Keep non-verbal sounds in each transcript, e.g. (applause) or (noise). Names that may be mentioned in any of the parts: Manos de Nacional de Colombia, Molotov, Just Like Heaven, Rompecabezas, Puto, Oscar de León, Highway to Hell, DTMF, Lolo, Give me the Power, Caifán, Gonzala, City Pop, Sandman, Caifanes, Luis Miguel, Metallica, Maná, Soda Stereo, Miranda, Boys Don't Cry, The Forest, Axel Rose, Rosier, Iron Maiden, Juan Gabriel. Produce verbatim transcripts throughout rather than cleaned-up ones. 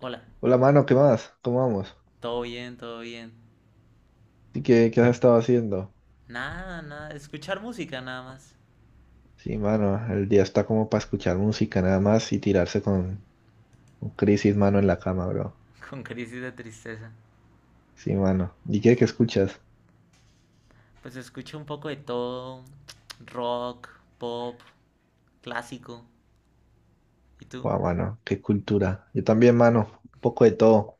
Hola, Hola, mano, ¿qué más? ¿Cómo vamos? todo bien, todo bien. ¿Y qué, qué has estado haciendo? Nada, nada, escuchar música nada más. Sí, mano, el día está como para escuchar música nada más y tirarse con, con crisis, mano, en la cama, bro. (laughs) Con crisis de tristeza. Sí, mano. ¿Y qué, qué escuchas? Pues escucho un poco de todo. Rock, pop, clásico. ¿Y tú? Guau, mano, qué cultura. Yo también, mano, un poco de todo.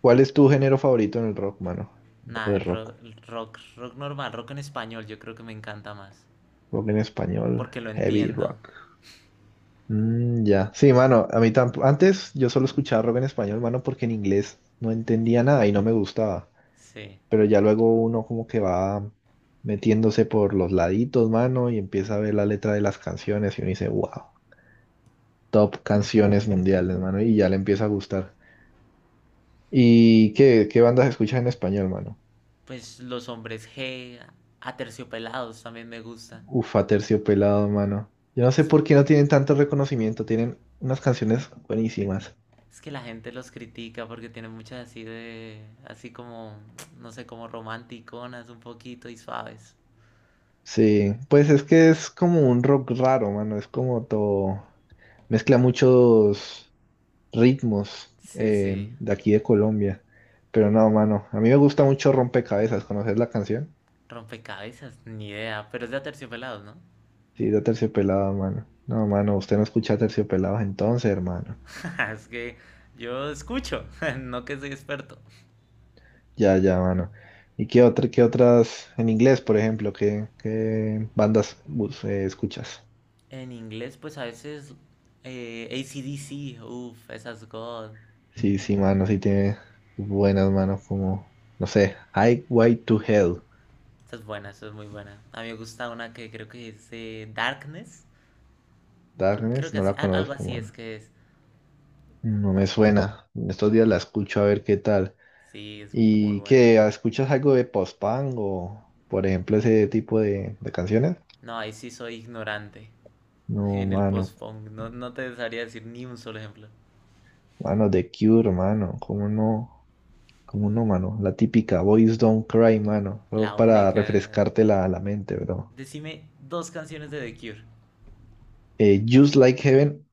¿Cuál es tu género favorito en el rock, mano? Nada, Hablando de rock. ro- rock, rock normal, rock en español, yo creo que me encanta más. Rock en español, Porque lo heavy entiendo. rock. Mm, ya. Sí, mano, a mí tampoco. Antes yo solo escuchaba rock en español, mano, porque en inglés no entendía nada y no me gustaba, Sí. pero ya luego uno como que va metiéndose por los laditos, mano, y empieza a ver la letra de las canciones y uno dice, wow, top canciones mundiales, mano, y ya le empieza a gustar. ¿Y qué, qué bandas escuchas en español, mano? Pues los hombres G, aterciopelados también me gusta. Ufa, Terciopelado, mano. Yo no sé por qué no tienen tanto reconocimiento, tienen unas canciones buenísimas. Es que la gente los critica porque tienen muchas así de, así como, no sé, como romanticonas un poquito y suaves. Sí, pues es que es como un rock raro, mano, es como todo, mezcla muchos ritmos Sí, eh, sí, de aquí de Colombia. Pero no, mano, a mí me gusta mucho Rompecabezas, ¿conoces la canción? Rompecabezas, ni idea, pero es de Aterciopelados, ¿no? Sí, de Terciopelado, mano. No, mano, usted no escucha Terciopelados entonces, hermano. (laughs) Es que yo escucho, (laughs) no que soy experto. Ya, ya, mano. ¿Y qué otra, qué otras en inglés, por ejemplo, qué, qué bandas bus- eh, escuchas? En inglés, pues a veces eh, A C D C, uff, esas God, Sí, sí, mano, sí tiene buenas manos como, no sé, Highway to Hell. esa es buena, esa es muy buena. A mí me gusta una que creo que es eh, Darkness, creo, creo Darkness, que no así, la algo conozco, así es mano. que es. No me suena. En estos días la escucho a ver qué tal. Sí, es muy ¿Y buena. qué? ¿Ah, ¿Escuchas algo de post-punk o, por ejemplo, ese tipo de, de canciones? No, ahí sí soy ignorante No, en el mano. post-punk. No, no te dejaría decir ni un solo ejemplo. Mano, The Cure, mano. ¿Cómo no? ¿Cómo no, mano? La típica Boys Don't Cry, mano. Solo La para única. refrescarte la, la mente, bro. Decime dos canciones de The Cure. Eh, Just Like Heaven.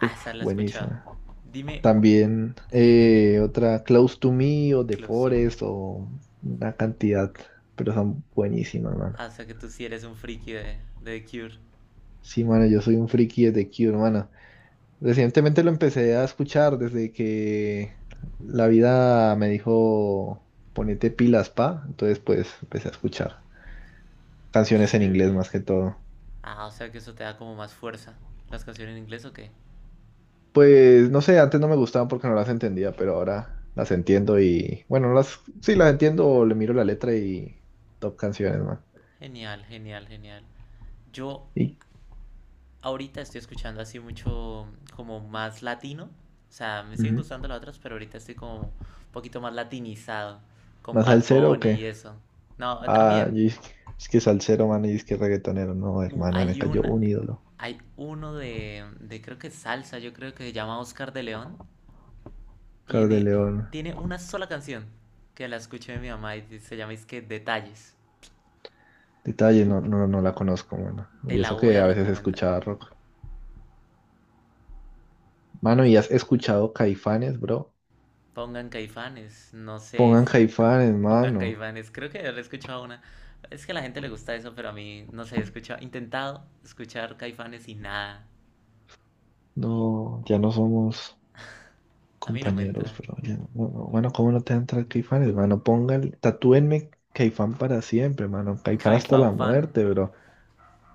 Uff, la he escuchado. buenísima. Dime. También ¿Qué, qué, qué? eh, otra Close to Me o The Close to me. Forest o una cantidad, pero son buenísimas, mano. Ah, o sea que tú sí eres un friki de, de The Cure. Sí, mano, yo soy un friki de The Cure, mano. Recientemente lo empecé a escuchar desde que la vida me dijo ponete pilas, pa. Entonces, pues empecé a escuchar canciones en inglés Chévere. más que todo. Ah, o sea que eso te da como más fuerza. ¿Las canciones en inglés o qué? Pues no sé, antes no me gustaban porque no las entendía, pero ahora las entiendo y bueno, no las sí las entiendo, o le miro la letra y top canciones, man. Genial, genial, genial. Yo ¿Y? ahorita estoy escuchando así mucho como más latino. O sea, me siguen Ujú. gustando las otras, pero ahorita estoy como un poquito más latinizado con ¿Más Bad salsero o Bunny qué? y eso. No, Ah, también y es que es que salsero, man, y es que reggaetonero, no, uh, hermano, me hay cayó una, un ídolo. hay uno de, de creo que salsa, yo creo que se llama Oscar de León. Oscar de Tiene, León. tiene una sola canción que la escuché de mi mamá y se llama es que Detalles. Detalle, no, no, no la conozco, mano. Te Y la eso voy que a a veces recomendar. escuchaba rock. Mano, ¿y has escuchado Caifanes, bro? Pongan Caifanes, no sé, Pongan Caifanes, pongan mano. Caifanes, creo que yo le he escuchado una. Es que a la gente le gusta eso, pero a mí, no sé, he escuchado, intentado escuchar Caifanes y nada. No, ya no somos A mí no me compañeros, entra. bro. Ya no- no, no. Bueno, ¿cómo no te entra Caifanes, mano? Pongan, tatúenme Caifán para siempre, mano. Caifán hasta la Caifán fan. muerte, bro.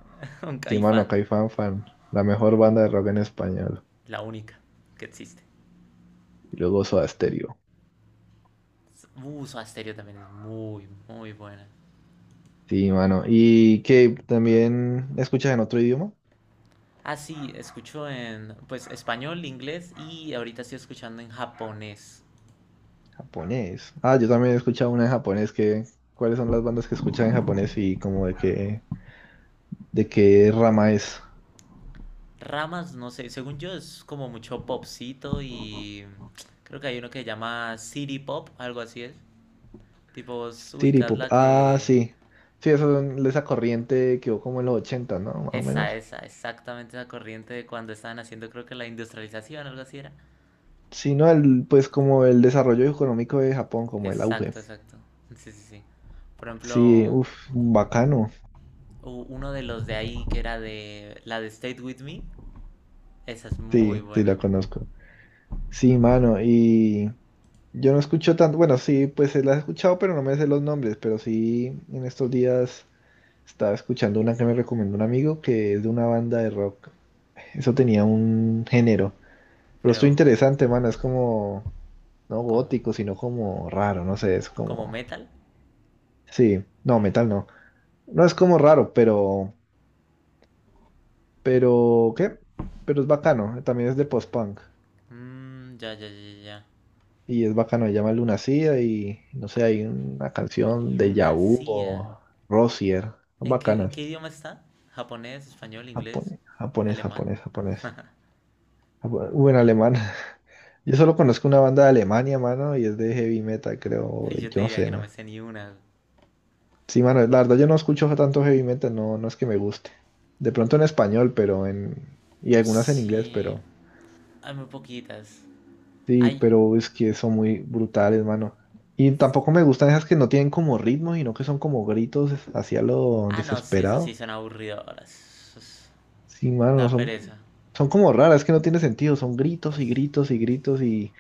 (laughs) Un Sí, mano, Caifán, Caifán fan. La mejor banda de rock en español. la única que existe. Y luego Soda Stereo. Uh, Soda Stereo también es muy, muy buena. Sí, mano. ¿Y qué también escuchas en otro idioma? Ah, sí, escucho en pues español, inglés y ahorita estoy escuchando en japonés. Japonés. Ah, yo también he escuchado una en japonés que... ¿Cuáles son las bandas que escuchan en japonés y como de qué, de qué rama es? Ramas, no sé, según yo es como mucho popcito y creo que hay uno que se llama City Pop, algo así es. Tipo, vos City ubicás Pop. la Ah, que... sí. Sí, eso, esa corriente quedó como en los ochenta, ¿no? Más o Esa, menos. esa, exactamente esa corriente de cuando estaban haciendo creo que la industrialización, algo así era. Sí, ¿no? El, pues como el desarrollo económico de Japón, como el auge. Exacto, exacto. Sí, sí, sí. Por Sí, ejemplo, uff, bacano. u- uno de los de ahí que era de la de State With Me, esa es muy Sí, sí, buena. la conozco. Sí, mano, y yo no escucho tanto, bueno, sí, pues eh, la he escuchado, pero no me sé los nombres, pero sí, en estos días... Estaba escuchando una que me recomendó un amigo que es de una banda de rock. Eso tenía un género. Pero esto Pero, interesante, mano. Es como, no ¿cómo? gótico, sino como raro. No sé, es ¿Como como... metal? Sí, no, metal no. No es como raro, pero... Pero, ¿qué? Pero es bacano. También es de post-punk. Mm, ya, ya, ya, ya. Y es bacano. Se llama Lunacida y, no sé, hay una canción de Yahoo Lunacía. o Rosier. Son ¿En qué, en bacanas. qué idioma está? ¿Japonés, español, inglés, Japonés, japonés, alemán? japonés, japonés. Japo- o en alemán. Yo solo conozco una banda de Alemania, mano, y es de heavy metal, (laughs) creo. Yo te Yo no diría sé, que no mano. me sé ni una. Sí, mano, la verdad yo no escucho tanto heavy metal, no, no es que me guste. De pronto en español, pero en... Y algunas en inglés, Sí, pero... hay muy poquitas. Sí, Hay. pero es que son muy brutales, mano. Y tampoco me gustan esas que no tienen como ritmo, sino que son como gritos hacia lo Ah, no, sí, eso sí desesperado. son aburridoras. Eso es- Sí, mano, no da son, pereza. son como raras, es que no tiene sentido, son gritos y gritos y gritos y,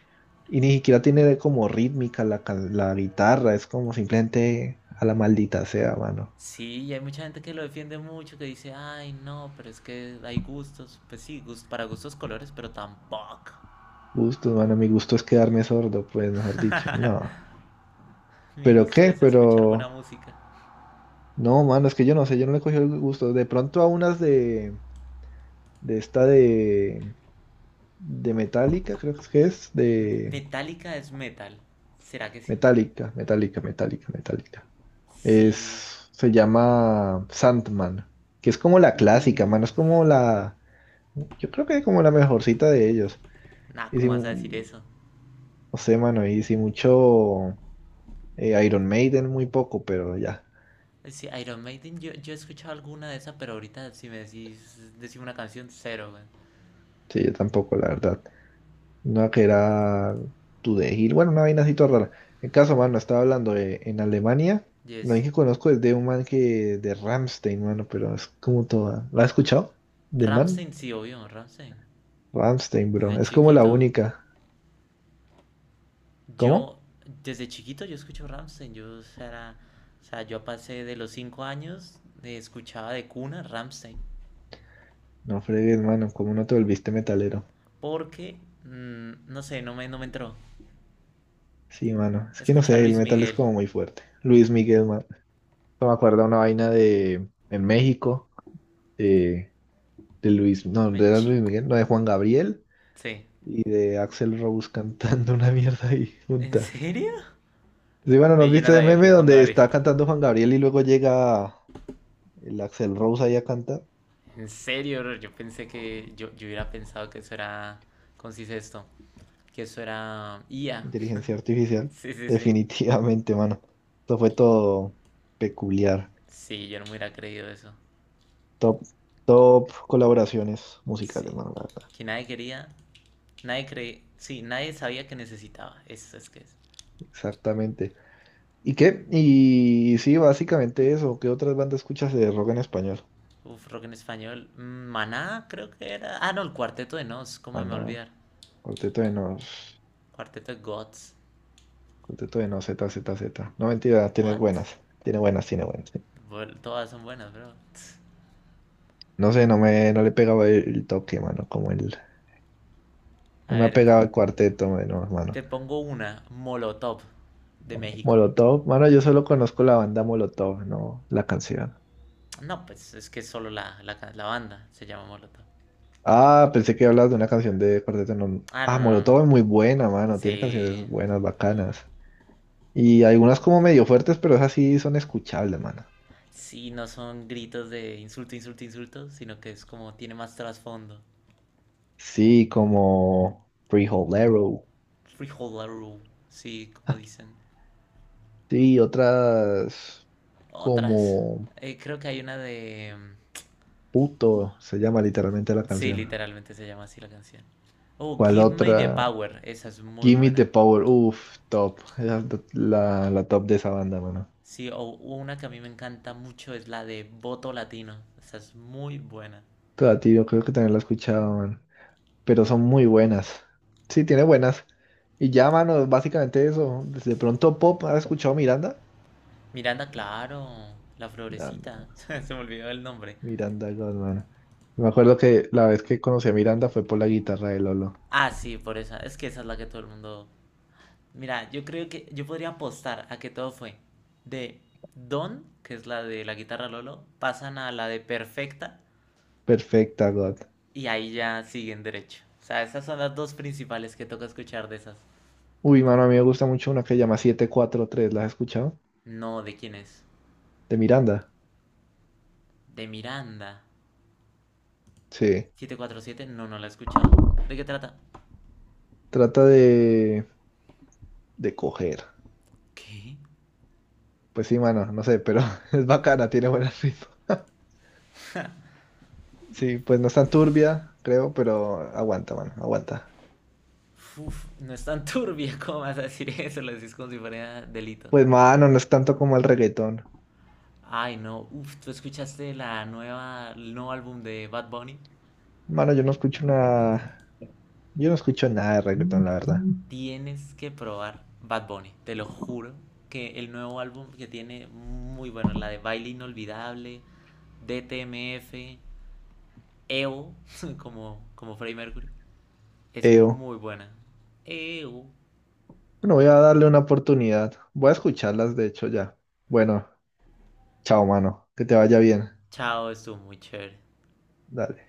y ni siquiera tiene como rítmica la, ca- la guitarra, es como simplemente a la maldita sea, mano. Sí, y hay mucha gente que lo defiende mucho, que dice, ay, no, pero es que hay gustos. Pues sí, gust para gustos colores, pero tampoco. Gusto, mano, mi gusto es quedarme sordo, pues mejor dicho, no. (laughs) Mi ¿Pero gusto qué? es escuchar buena Pero música. no, mano, es que yo no sé, yo no le cogí el gusto. De pronto a unas de, de esta de, de Metallica, creo que es, M- de Metallica es metal. ¿Será que sí? Metallica, Metallica, Metallica, Metallica. Sí. Es, se llama Sandman, que es como la clásica, mano. Es Uff. como la, yo creo que es como la mejorcita de ellos. Nah, Y si, ¿cómo vas a mu- decir eso? no sé, mano, y si mucho eh, Iron Maiden, muy poco, pero ya. Sí, Iron Maiden, yo, yo he escuchado alguna de esas, pero ahorita si me decís, decís una canción, cero, güey. Sí, yo tampoco, la verdad. Una que era To The Hill, bueno, una vaina así toda rara. En caso, mano, estaba hablando de- en Alemania. Lo Yes. único que conozco es de un man que, de Rammstein, mano, pero es como toda. ¿La has escuchado? ¿Del man? Ramstein, sí, obvio, Ramstein. Rammstein, bro. Desde Es como la chiquito. única. ¿Cómo? Yo, desde chiquito yo escucho Ramstein. Yo, o sea, era- o sea, yo pasé de los cinco años, de, escuchaba de cuna Ramstein. No fregues, mano, como no te volviste metalero. Porque, mm, no sé, no me, no me entró. Sí, mano, es que no Escuchar sé, el Luis metal es Miguel. como muy fuerte. Luis Miguel, mano. No me acuerdo una vaina de en México, de, de Luis, no, de Me era Luis chico. Miguel, no, de Juan Gabriel Sí. y de Axel Rose (laughs) cantando una mierda ahí ¿En junta. serio? Sí, bueno, ¿nos Ve, yo no viste de sabía que meme Juan donde Gabriel. está cantando Juan Gabriel y luego llega el Axel Rose ahí a cantar? En serio, yo pensé que, yo, yo hubiera pensado que eso era, ¿cómo se dice esto? Que eso era I A. Inteligencia artificial. Sí, sí, sí. Definitivamente, mano. Esto fue todo peculiar. Sí, yo no me hubiera creído eso. Top, top colaboraciones musicales, Sí. mano, la verdad. Que nadie quería, nadie creía, sí, nadie sabía que necesitaba. Eso es que es. Exactamente. ¿Y qué? Y sí, básicamente eso. ¿Qué otras bandas escuchas de rock en español? Uf, rock en español. Mm, Maná, creo que era. Ah, no, el Cuarteto de Nos, cómo Ah, me voy a no. olvidar. Cuarteto de Nos. Cuarteto de Gods. Cuarteto de Nos, Z, Z, Z. No, mentira, tiene What? buenas. Tiene buenas, tiene buenas. Bueno, todas son buenas, bro. No sé, no me, no le pegaba el, el toque, mano, como el. No A me ha ver, ento- pegado el cuarteto, mano, mano. te pongo una, Molotov, de México. Molotov, mano, yo solo conozco la banda Molotov, no la canción. No, pues es que solo la, la, ca- la banda se llama Molotov. Ah, pensé que hablas de una canción de Cuarteto no... Ah, no, Ah, no, no. No. Molotov es muy buena, mano. Tiene Sí. canciones buenas, bacanas. Y algunas como medio fuertes, pero esas sí son escuchables, mano. Sí, no son gritos de insulto, insulto, insulto, sino que es como tiene más trasfondo. Sí, como Arrow. Freeholder, Rule, sí, como dicen. Sí, otras Otras. como Eh, creo que hay una de... mm, Puto, se llama literalmente la sí, canción. literalmente se llama así la canción. Oh, ¿Cuál Give Me the otra? Power, esa es muy Give me the buena. Power. Uf, top. Esa es la, la top de esa banda, mano. Sí, o una que a mí me encanta mucho es la de Voto Latino, esa es muy buena. Toda, tío, creo que también la he escuchado, mano, pero son muy buenas. Sí, tiene buenas. Y ya, mano, básicamente eso. De pronto Pop, ¿has escuchado Miranda? Miranda, claro, la Miranda, florecita, (laughs) se me olvidó el nombre. Miranda Godman. Me acuerdo que la vez que conocí a Miranda fue por la guitarra de Lolo. Ah, sí, por esa, es que esa es la que todo el mundo. Mira, yo creo que yo podría apostar a que todo fue de Don, que es la de la guitarra Lolo, pasan a la de Perfecta Perfecta, God. y ahí ya siguen derecho. O sea, esas son las dos principales que toca escuchar de esas. Uy, mano, a mí me gusta mucho una que se llama siete cuatro tres, ¿la has escuchado? No, ¿de quién es? De Miranda. De Miranda. Sí. Siete cuatro siete, no, no la he escuchado. ¿De qué trata? Trata de, de coger. ¿Qué? Pues sí, mano, no sé, pero (laughs) es bacana, tiene buen ritmo. (laughs) Sí, pues no es tan turbia, creo, pero aguanta, mano, aguanta. Uf, no es tan (laughs) turbia, como vas a decir eso, lo decís como si fuera delito. Pues mano, no es tanto como el reggaetón. Ay, no, uf, ¿tú escuchaste la nueva, el nuevo álbum de Bad Bunny? Mano, yo no escucho nada, yo no escucho nada de reggaetón, la verdad. Tienes que probar Bad Bunny, te lo juro. Que el nuevo álbum que tiene muy bueno, la de Baile Inolvidable, D T M F, E O, (laughs) como, como Freddie Mercury, es Eo. muy buena. E O, Bueno, voy a darle una oportunidad. Voy a escucharlas, de hecho, ya. Bueno, chao, mano. Que te vaya bien. chao, estuvo muy chévere. Dale.